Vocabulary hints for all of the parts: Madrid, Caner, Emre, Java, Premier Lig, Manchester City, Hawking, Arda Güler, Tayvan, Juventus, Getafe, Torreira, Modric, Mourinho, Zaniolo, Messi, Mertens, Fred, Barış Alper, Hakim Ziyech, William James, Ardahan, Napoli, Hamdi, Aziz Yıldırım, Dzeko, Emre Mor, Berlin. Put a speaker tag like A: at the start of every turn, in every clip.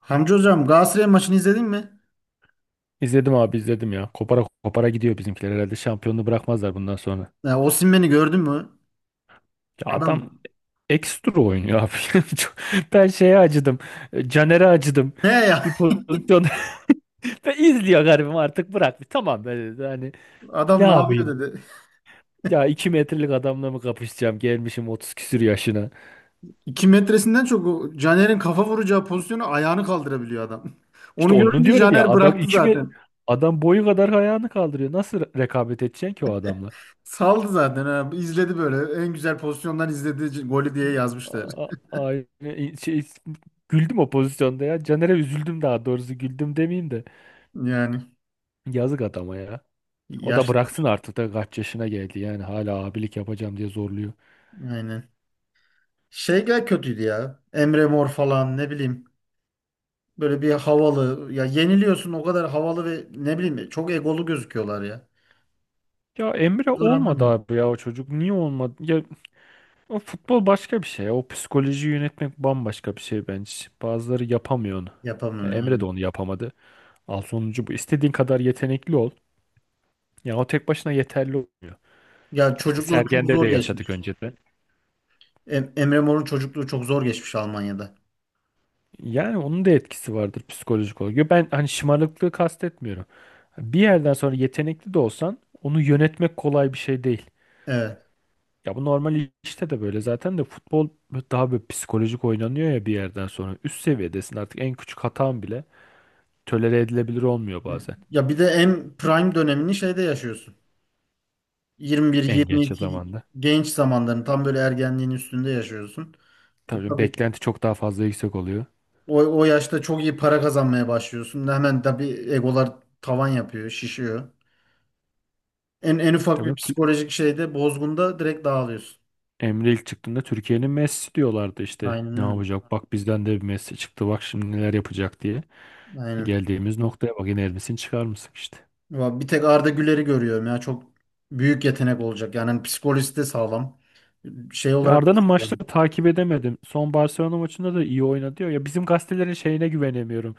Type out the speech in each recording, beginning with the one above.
A: Hamdi hocam Galatasaray maçını izledin mi?
B: İzledim abi izledim ya. Kopara kopara gidiyor bizimkiler. Herhalde şampiyonluğu bırakmazlar bundan sonra.
A: Ya, Osimhen'i gördün mü?
B: Ya adam
A: Adam
B: ekstra oynuyor abi. Ben şeye acıdım. Caner'e acıdım.
A: ne ya?
B: Bir pozisyon. Ben izliyor garibim artık bırak. Tamam ben dedi. Hani ne
A: Adam ne
B: yapayım?
A: yapıyor dedi.
B: Ya 2 metrelik adamla mı kapışacağım? Gelmişim 30 küsür yaşına.
A: 2 metresinden çok o Caner'in kafa vuracağı pozisyonu ayağını kaldırabiliyor adam.
B: İşte
A: Onu
B: onu
A: görünce
B: diyorum ya
A: Caner
B: adam
A: bıraktı
B: 2 mi
A: zaten.
B: adam boyu kadar ayağını kaldırıyor. Nasıl rekabet edeceksin ki o adamla?
A: Saldı zaten. Ha. İzledi böyle. En güzel pozisyondan izledi golü diye yazmışlar.
B: Aynen şey, güldüm o pozisyonda ya. Caner'e üzüldüm, daha doğrusu güldüm demeyeyim de.
A: Yani
B: Yazık adama ya. O da
A: yaşlı.
B: bıraksın artık da kaç yaşına geldi yani hala abilik yapacağım diye zorluyor.
A: Aynen. Şeyler kötüydü ya. Emre Mor falan ne bileyim. Böyle bir havalı. Ya yeniliyorsun o kadar havalı ve ne bileyim çok egolu gözüküyorlar ya.
B: Ya Emre
A: Zor.
B: olmadı abi ya o çocuk. Niye olmadı? Ya o futbol başka bir şey. O psikolojiyi yönetmek bambaşka bir şey bence. Bazıları yapamıyor onu. Ya
A: Yapamam
B: Emre
A: yani.
B: de onu yapamadı. Al sonucu bu. İstediğin kadar yetenekli ol. Ya o tek başına yeterli olmuyor.
A: Ya
B: Ya İşte
A: çocukluğu çok
B: Sergen'de de
A: zor
B: yaşadık
A: geçmiş.
B: önceden.
A: Emre Mor'un çocukluğu çok zor geçmiş Almanya'da.
B: Yani onun da etkisi vardır psikolojik olarak. Yo, ben hani şımarıklığı kastetmiyorum. Bir yerden sonra yetenekli de olsan onu yönetmek kolay bir şey değil.
A: Evet.
B: Ya bu normal işte de, böyle zaten de futbol daha böyle psikolojik oynanıyor ya bir yerden sonra. Üst seviyedesin artık, en küçük hatan bile tolere edilebilir olmuyor bazen,
A: Ya bir de en prime dönemini şeyde yaşıyorsun.
B: en genç
A: 21-22
B: zamanda.
A: genç zamanların tam böyle ergenliğin üstünde yaşıyorsun. E,
B: Tabii
A: tabii
B: beklenti çok daha fazla yüksek oluyor.
A: o yaşta çok iyi para kazanmaya başlıyorsun. Hemen tabii egolar tavan yapıyor, şişiyor. En ufak bir
B: Tabii
A: psikolojik şeyde bozgunda direkt dağılıyorsun.
B: Emre ilk çıktığında Türkiye'nin Messi diyorlardı işte.
A: Aynen
B: Ne
A: öyle.
B: yapacak? Bak bizden de bir Messi çıktı. Bak şimdi neler yapacak diye.
A: Aynen.
B: Geldiğimiz noktaya bak, yine Elvis'ini çıkarmışsın işte.
A: Ya bir tek Arda Güler'i görüyorum ya. Çok büyük yetenek olacak. Yani hani psikolojisi de sağlam. Şey
B: Ya
A: olarak da
B: Arda'nın
A: sağlam.
B: maçları takip edemedim. Son Barcelona maçında da iyi oynadı diyor. Ya bizim gazetelerin şeyine güvenemiyorum.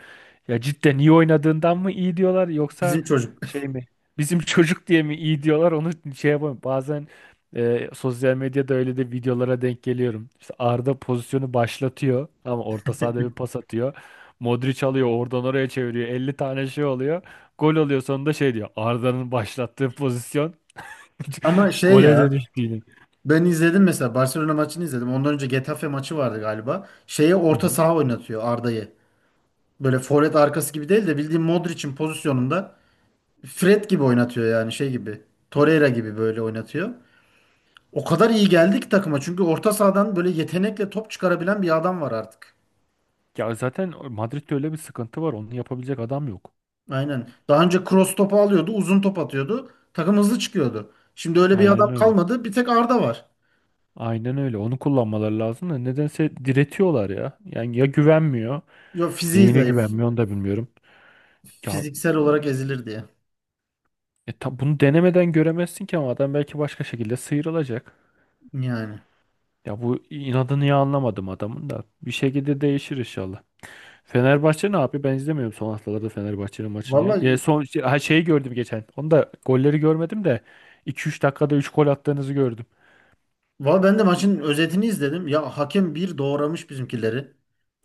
B: Ya cidden iyi oynadığından mı iyi diyorlar yoksa
A: Bizim çocuk.
B: şey mi? Bizim çocuk diye mi iyi diyorlar, onu şey yapamıyorum. Bazen sosyal medyada öyle de videolara denk geliyorum. İşte Arda pozisyonu başlatıyor ama orta sahada bir pas atıyor. Modric alıyor oradan oraya çeviriyor. 50 tane şey oluyor. Gol oluyor sonunda, şey diyor, Arda'nın başlattığı pozisyon
A: Ama şey
B: gole
A: ya
B: dönüştü yine.
A: ben izledim mesela Barcelona maçını izledim. Ondan önce Getafe maçı vardı galiba. Şeye orta saha oynatıyor Arda'yı. Böyle forvet arkası gibi değil de bildiğin Modric'in pozisyonunda Fred gibi oynatıyor yani şey gibi. Torreira gibi böyle oynatıyor. O kadar iyi geldi ki takıma. Çünkü orta sahadan böyle yetenekle top çıkarabilen bir adam var artık.
B: Ya zaten Madrid'de öyle bir sıkıntı var. Onu yapabilecek adam yok.
A: Aynen. Daha önce cross topu alıyordu, uzun top atıyordu. Takım hızlı çıkıyordu. Şimdi öyle bir adam
B: Aynen öyle.
A: kalmadı. Bir tek Arda var.
B: Aynen öyle. Onu kullanmaları lazım da nedense diretiyorlar ya. Yani ya güvenmiyor.
A: Yo fiziği
B: Neyine
A: zayıf.
B: güvenmiyor onu da bilmiyorum. Ya
A: Fiziksel olarak ezilir diye.
B: bunu denemeden göremezsin ki, ama adam belki başka şekilde sıyrılacak.
A: Yani.
B: Ya bu inadını ya anlamadım adamın da. Bir şekilde değişir inşallah. Fenerbahçe ne yapıyor? Ben izlemiyorum son haftalarda Fenerbahçe'nin maçını ya. Ya
A: Vallahi,
B: son ha, şeyi gördüm geçen. Onu da golleri görmedim de 2-3 dakikada 3 gol attığınızı gördüm.
A: vallahi ben de maçın özetini izledim. Ya hakem bir doğramış bizimkileri.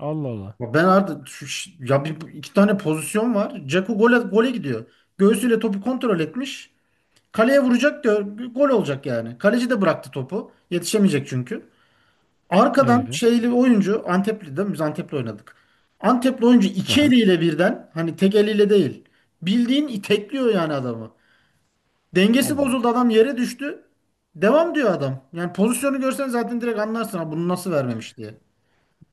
B: Allah Allah.
A: Ya ben Arda ya bir, iki tane pozisyon var. Dzeko gole, gole gidiyor. Göğsüyle topu kontrol etmiş. Kaleye vuracak diyor. Gol olacak yani. Kaleci de bıraktı topu. Yetişemeyecek çünkü. Arkadan
B: Ee,
A: şeyli oyuncu Antepli değil. Biz Antep'le oynadık. Antepli oyuncu iki
B: aha,
A: eliyle birden hani tek eliyle değil. Bildiğin itekliyor yani adamı. Dengesi
B: Allah Allah.
A: bozuldu adam yere düştü. Devam diyor adam. Yani pozisyonu görsen zaten direkt anlarsın ha bunu nasıl vermemiş diye.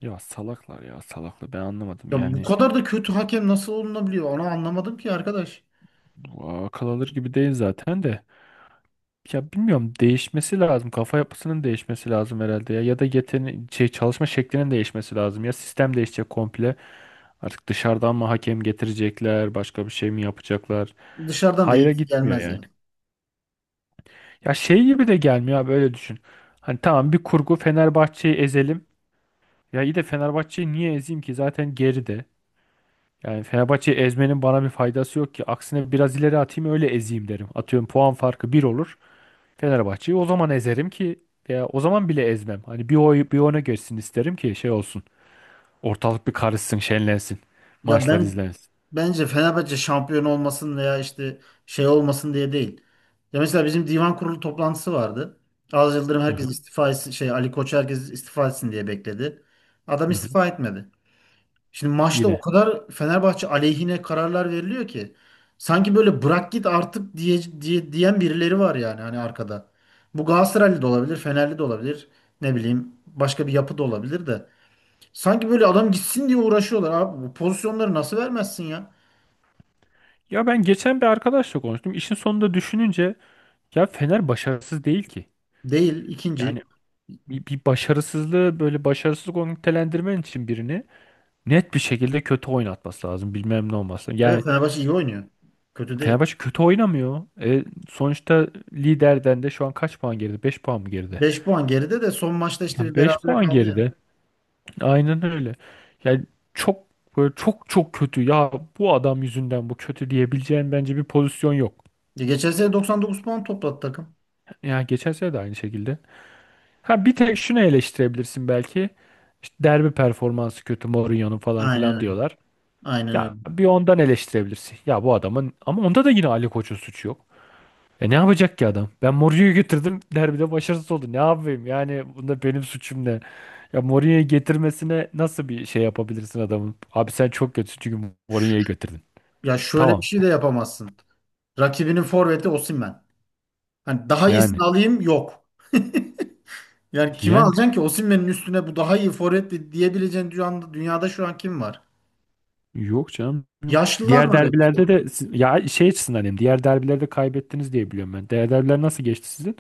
B: Ya salaklar ya salaklar, ben anlamadım
A: Ya bu
B: yani.
A: kadar da kötü hakem nasıl olunabiliyor? Onu anlamadım ki arkadaş.
B: Bu akıl alır gibi değil zaten de, ya bilmiyorum, değişmesi lazım. Kafa yapısının değişmesi lazım herhalde ya, ya da şey, çalışma şeklinin değişmesi lazım. Ya sistem değişecek komple artık, dışarıdan mı hakem getirecekler, başka bir şey mi yapacaklar,
A: Dışarıdan da
B: hayra
A: iyisi
B: gitmiyor
A: gelmez
B: yani.
A: ya.
B: Ya şey gibi de gelmiyor abi, öyle düşün. Hani tamam, bir kurgu, Fenerbahçe'yi ezelim. Ya iyi de Fenerbahçe'yi niye ezeyim ki, zaten geride. Yani Fenerbahçe'yi ezmenin bana bir faydası yok ki. Aksine biraz ileri atayım, öyle ezeyim derim. Atıyorum, puan farkı bir olur. Fenerbahçe'yi o zaman ezerim ki, veya o zaman bile ezmem. Hani bir oy bir ona geçsin isterim ki şey olsun. Ortalık bir karışsın, şenlensin.
A: Ya
B: Maçlar
A: ben
B: izlensin.
A: bence Fenerbahçe şampiyon olmasın veya işte şey olmasın diye değil. Ya mesela bizim divan kurulu toplantısı vardı. Aziz Yıldırım
B: Hı
A: herkes
B: hı,
A: istifa etsin, şey Ali Koç herkes istifa etsin diye bekledi. Adam
B: hı hı.
A: istifa etmedi. Şimdi maçta o
B: Yine.
A: kadar Fenerbahçe aleyhine kararlar veriliyor ki sanki böyle bırak git artık diye diyen birileri var yani hani arkada. Bu Galatasaraylı da olabilir, Fenerli de olabilir, ne bileyim başka bir yapı da olabilir de. Sanki böyle adam gitsin diye uğraşıyorlar abi. Bu pozisyonları nasıl vermezsin ya?
B: Ya ben geçen bir arkadaşla konuştum. İşin sonunda düşününce ya Fener başarısız değil ki.
A: Değil ikinci.
B: Yani bir başarısızlığı böyle başarısızlık olarak nitelendirmen için birini net bir şekilde kötü oynatması lazım. Bilmem ne olması lazım.
A: Evet
B: Yani
A: Fenerbahçe iyi oynuyor. Kötü değil.
B: Fenerbahçe kötü oynamıyor. E, sonuçta liderden de şu an kaç puan geride? 5 puan mı geride?
A: Beş puan geride de son maçta işte bir
B: Ya 5
A: berabere
B: puan
A: kaldı ya.
B: geride. Aynen öyle. Yani çok böyle, çok çok kötü. Ya bu adam yüzünden bu kötü diyebileceğin bence bir pozisyon yok.
A: Ya geçen sene 99 puan topladı takım.
B: Ya geçen sene de aynı şekilde. Ha bir tek şunu eleştirebilirsin belki. İşte derbi performansı kötü Mourinho'nun falan
A: Aynen
B: filan
A: öyle.
B: diyorlar.
A: Aynen öyle.
B: Ya bir ondan eleştirebilirsin. Ya bu adamın ama, onda da yine Ali Koç'un suçu yok. Ne yapacak ki adam? Ben Mourinho'yu getirdim, derbide başarısız oldu. Ne yapayım? Yani bunda benim suçum ne? Ya Mourinho'yu getirmesine nasıl bir şey yapabilirsin adamın? Abi sen çok kötüsün çünkü
A: Ş-
B: Mourinho'yu getirdin.
A: Ya şöyle bir
B: Tamam.
A: şey de yapamazsın. Rakibinin forveti Osimhen. Hani daha
B: Yani.
A: iyisini alayım yok. Yani kime
B: Yani.
A: alacaksın ki Osimhen'in üstüne bu daha iyi forvet diyebileceğin dünyada, dünyada şu an kim var?
B: Yok canım.
A: Yaşlılar
B: Diğer
A: var hep işte.
B: derbilerde de ya şey açısından diyeyim. Diğer derbilerde kaybettiniz diye biliyorum ben. Diğer derbiler nasıl geçti sizin?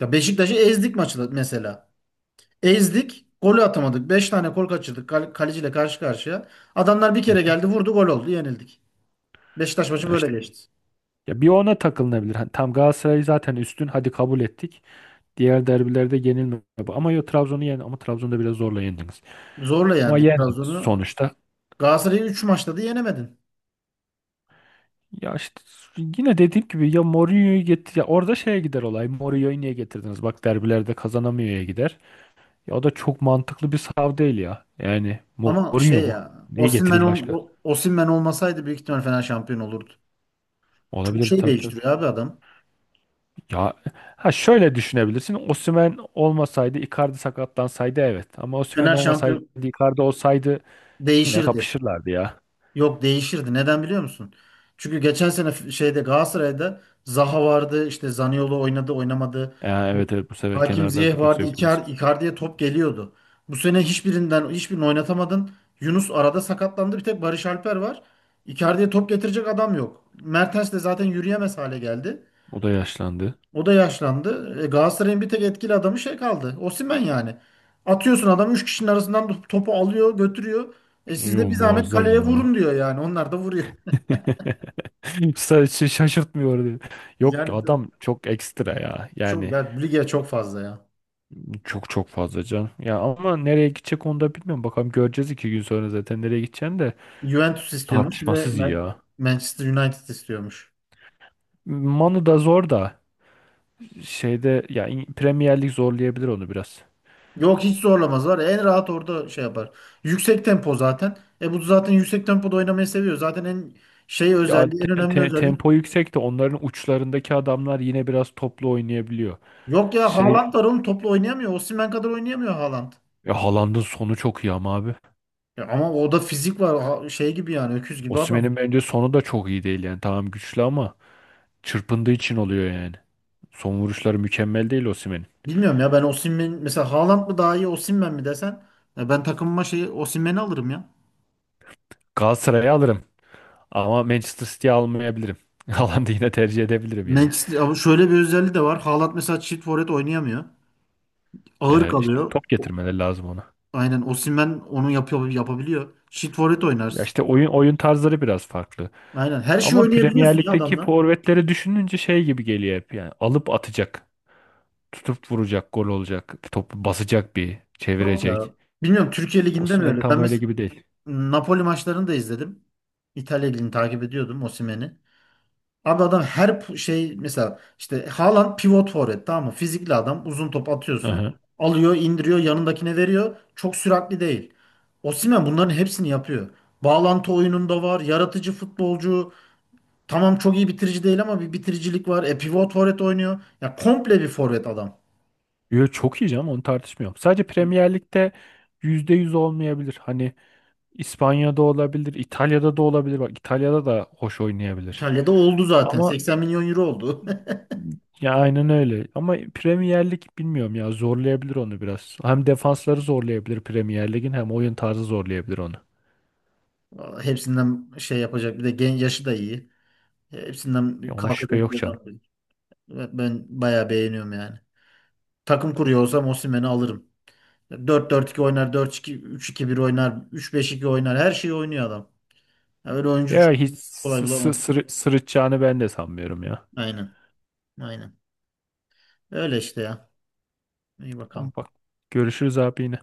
A: Ya Beşiktaş'ı ezdik maçı da mesela. Ezdik. Golü atamadık. 5 tane gol kaçırdık. Kaleciyle karşı karşıya. Adamlar bir
B: Hı
A: kere
B: hı.
A: geldi vurdu gol oldu yenildik. Beşiktaş maçı
B: Ya
A: böyle
B: işte,
A: geçti.
B: ya bir ona takılınabilir. Hani tam Galatasaray zaten üstün. Hadi, kabul ettik. Diğer derbilerde yenilme, bu. Ama yo, Trabzon'u yen, ama Trabzon'da biraz zorla yendiniz.
A: Zorla
B: Ama
A: yendik
B: yendi
A: Trabzon'u.
B: sonuçta.
A: Galatasaray'ı 3 maçta da yenemedin.
B: Ya işte yine dediğim gibi, ya Mourinho'yu getir ya, orada şeye gider olay. Mourinho'yu niye getirdiniz? Bak derbilerde kazanamıyor'ya gider. Ya o da çok mantıklı bir sav değil ya. Yani
A: Ama şey
B: Mourinho bu.
A: ya
B: Neyi
A: Osimhen,
B: getireyim başka?
A: Osimhen olmasaydı büyük ihtimal Fener şampiyon olurdu. Çok
B: Olabilirdi,
A: şey
B: tabii, tabii.
A: değiştiriyor abi adam.
B: Ya ha, şöyle düşünebilirsin. Osimhen olmasaydı, Icardi sakatlansaydı, evet. Ama Osimhen
A: Fener
B: olmasaydı
A: şampiyon
B: Icardi olsaydı yine
A: değişirdi.
B: kapışırlardı ya.
A: Yok değişirdi. Neden biliyor musun? Çünkü geçen sene şeyde Galatasaray'da Zaha vardı, işte Zaniolo oynadı, oynamadı.
B: Ya, evet, evet, bu sefer
A: Hakim
B: kenarlarda
A: Ziyech
B: kimse
A: vardı.
B: yoktu biz.
A: Icardi'ye top geliyordu. Bu sene hiçbirinden hiçbirini oynatamadın. Yunus arada sakatlandı. Bir tek Barış Alper var. Icardi'ye top getirecek adam yok. Mertens de zaten yürüyemez hale geldi.
B: O da yaşlandı.
A: O da yaşlandı. E, Galatasaray'ın bir tek etkili adamı şey kaldı. Osimhen yani. Atıyorsun adam 3 kişinin arasından topu alıyor, götürüyor. E siz
B: Yo,
A: de bir zahmet
B: muazzam
A: kaleye
B: ya.
A: vurun diyor yani. Onlar da vuruyor.
B: Sadece şaşırtmıyor diyor. Yok
A: Yani
B: adam çok ekstra ya.
A: çok
B: Yani
A: yani lige çok fazla ya.
B: çok çok fazla can. Ya ama nereye gidecek onu da bilmiyorum. Bakalım, göreceğiz 2 gün sonra zaten nereye gideceğini de.
A: Juventus istiyormuş, bir de
B: Tartışmasız iyi ya.
A: Manchester United istiyormuş.
B: Manu da zor da, şeyde ya, Premier Lig zorlayabilir onu biraz.
A: Yok hiç zorlamaz var. Ya, en rahat orada şey yapar. Yüksek tempo zaten. E bu zaten yüksek tempoda oynamayı seviyor. Zaten en şey
B: Ya
A: özelliği, en önemli özelliği.
B: tempo yüksek de onların uçlarındaki adamlar yine biraz toplu oynayabiliyor.
A: Yok ya
B: Şey
A: Haaland var oğlum topla oynayamıyor. Osimhen kadar oynayamıyor Haaland.
B: ya, Haaland'ın sonu çok iyi ama abi.
A: Ya ama o da fizik var şey gibi yani öküz gibi adam.
B: Osimhen'in bence sonu da çok iyi değil yani. Tamam güçlü ama çırpındığı için oluyor yani. Son vuruşları mükemmel değil Osimhen'in.
A: Bilmiyorum ya ben Osimhen mesela Haaland mı daha iyi Osimhen mi desen ya ben takımıma şey Osimhen'i alırım ya.
B: Galatasaray'ı alırım ama Manchester City'yi almayabilirim. Haaland'ı yine tercih edebilirim yani.
A: Manchester ama şöyle bir özelliği de var. Haaland mesela çift forvet oynayamıyor. Ağır
B: İşte
A: kalıyor.
B: top getirmeleri lazım ona.
A: Aynen Osimhen onu yapıyor yapabiliyor. Çift forvet
B: Ya
A: oynarsın.
B: işte oyun tarzları biraz farklı.
A: Aynen her şeyi
B: Ama Premier
A: oynayabiliyorsun ya
B: Lig'deki
A: adamlar.
B: forvetleri düşününce şey gibi geliyor hep yani. Alıp atacak, tutup vuracak, gol olacak, topu basacak bir,
A: Yok ya.
B: çevirecek.
A: Bilmiyorum Türkiye Ligi'nde mi
B: Osimhen
A: öyle? Ben
B: tam öyle
A: mesela
B: gibi değil.
A: Napoli maçlarını da izledim. İtalya Ligi'ni takip ediyordum Osimhen'i. Abi adam her şey mesela işte Haaland pivot forvet tamam mı? Fizikli adam uzun top atıyorsun.
B: Aha.
A: Alıyor indiriyor yanındakine veriyor. Çok süratli değil. Osimhen bunların hepsini yapıyor. Bağlantı oyununda var. Yaratıcı futbolcu. Tamam çok iyi bitirici değil ama bir bitiricilik var. E pivot forvet oynuyor. Ya komple bir forvet adam.
B: Yo, çok iyi canım, onu tartışmıyorum. Sadece Premier Lig'de %100 olmayabilir. Hani, İspanya'da olabilir, İtalya'da da olabilir. Bak İtalya'da da hoş oynayabilir.
A: İtalya'da oldu zaten.
B: Ama
A: 80 milyon euro oldu.
B: ya, aynen öyle. Ama Premier Lig bilmiyorum ya, zorlayabilir onu biraz. Hem defansları zorlayabilir Premier Lig'in, hem oyun tarzı zorlayabilir onu.
A: Vallahi hepsinden şey yapacak. Bir de gen yaşı da iyi.
B: Ya
A: Hepsinden
B: ona şüphe
A: kalkacak
B: yok
A: bir
B: canım.
A: adam. Evet, ben bayağı beğeniyorum yani. Takım kuruyor olsam Osimhen'i alırım. Dört dört 2 oynar, dört iki üç iki bir oynar, üç beş iki oynar. Her şeyi oynuyor adam. Ya öyle oyuncu
B: Ya
A: çok
B: hiç
A: kolay bulamaz.
B: sırıtacağını ben de sanmıyorum ya.
A: Aynen. Aynen. Öyle işte ya. İyi
B: Ama
A: bakalım.
B: bak, görüşürüz abi yine.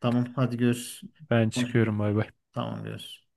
A: Tamam hadi görüşürüz.
B: Ben
A: Konuşuruz.
B: çıkıyorum, bay bay.
A: Tamam görüşürüz.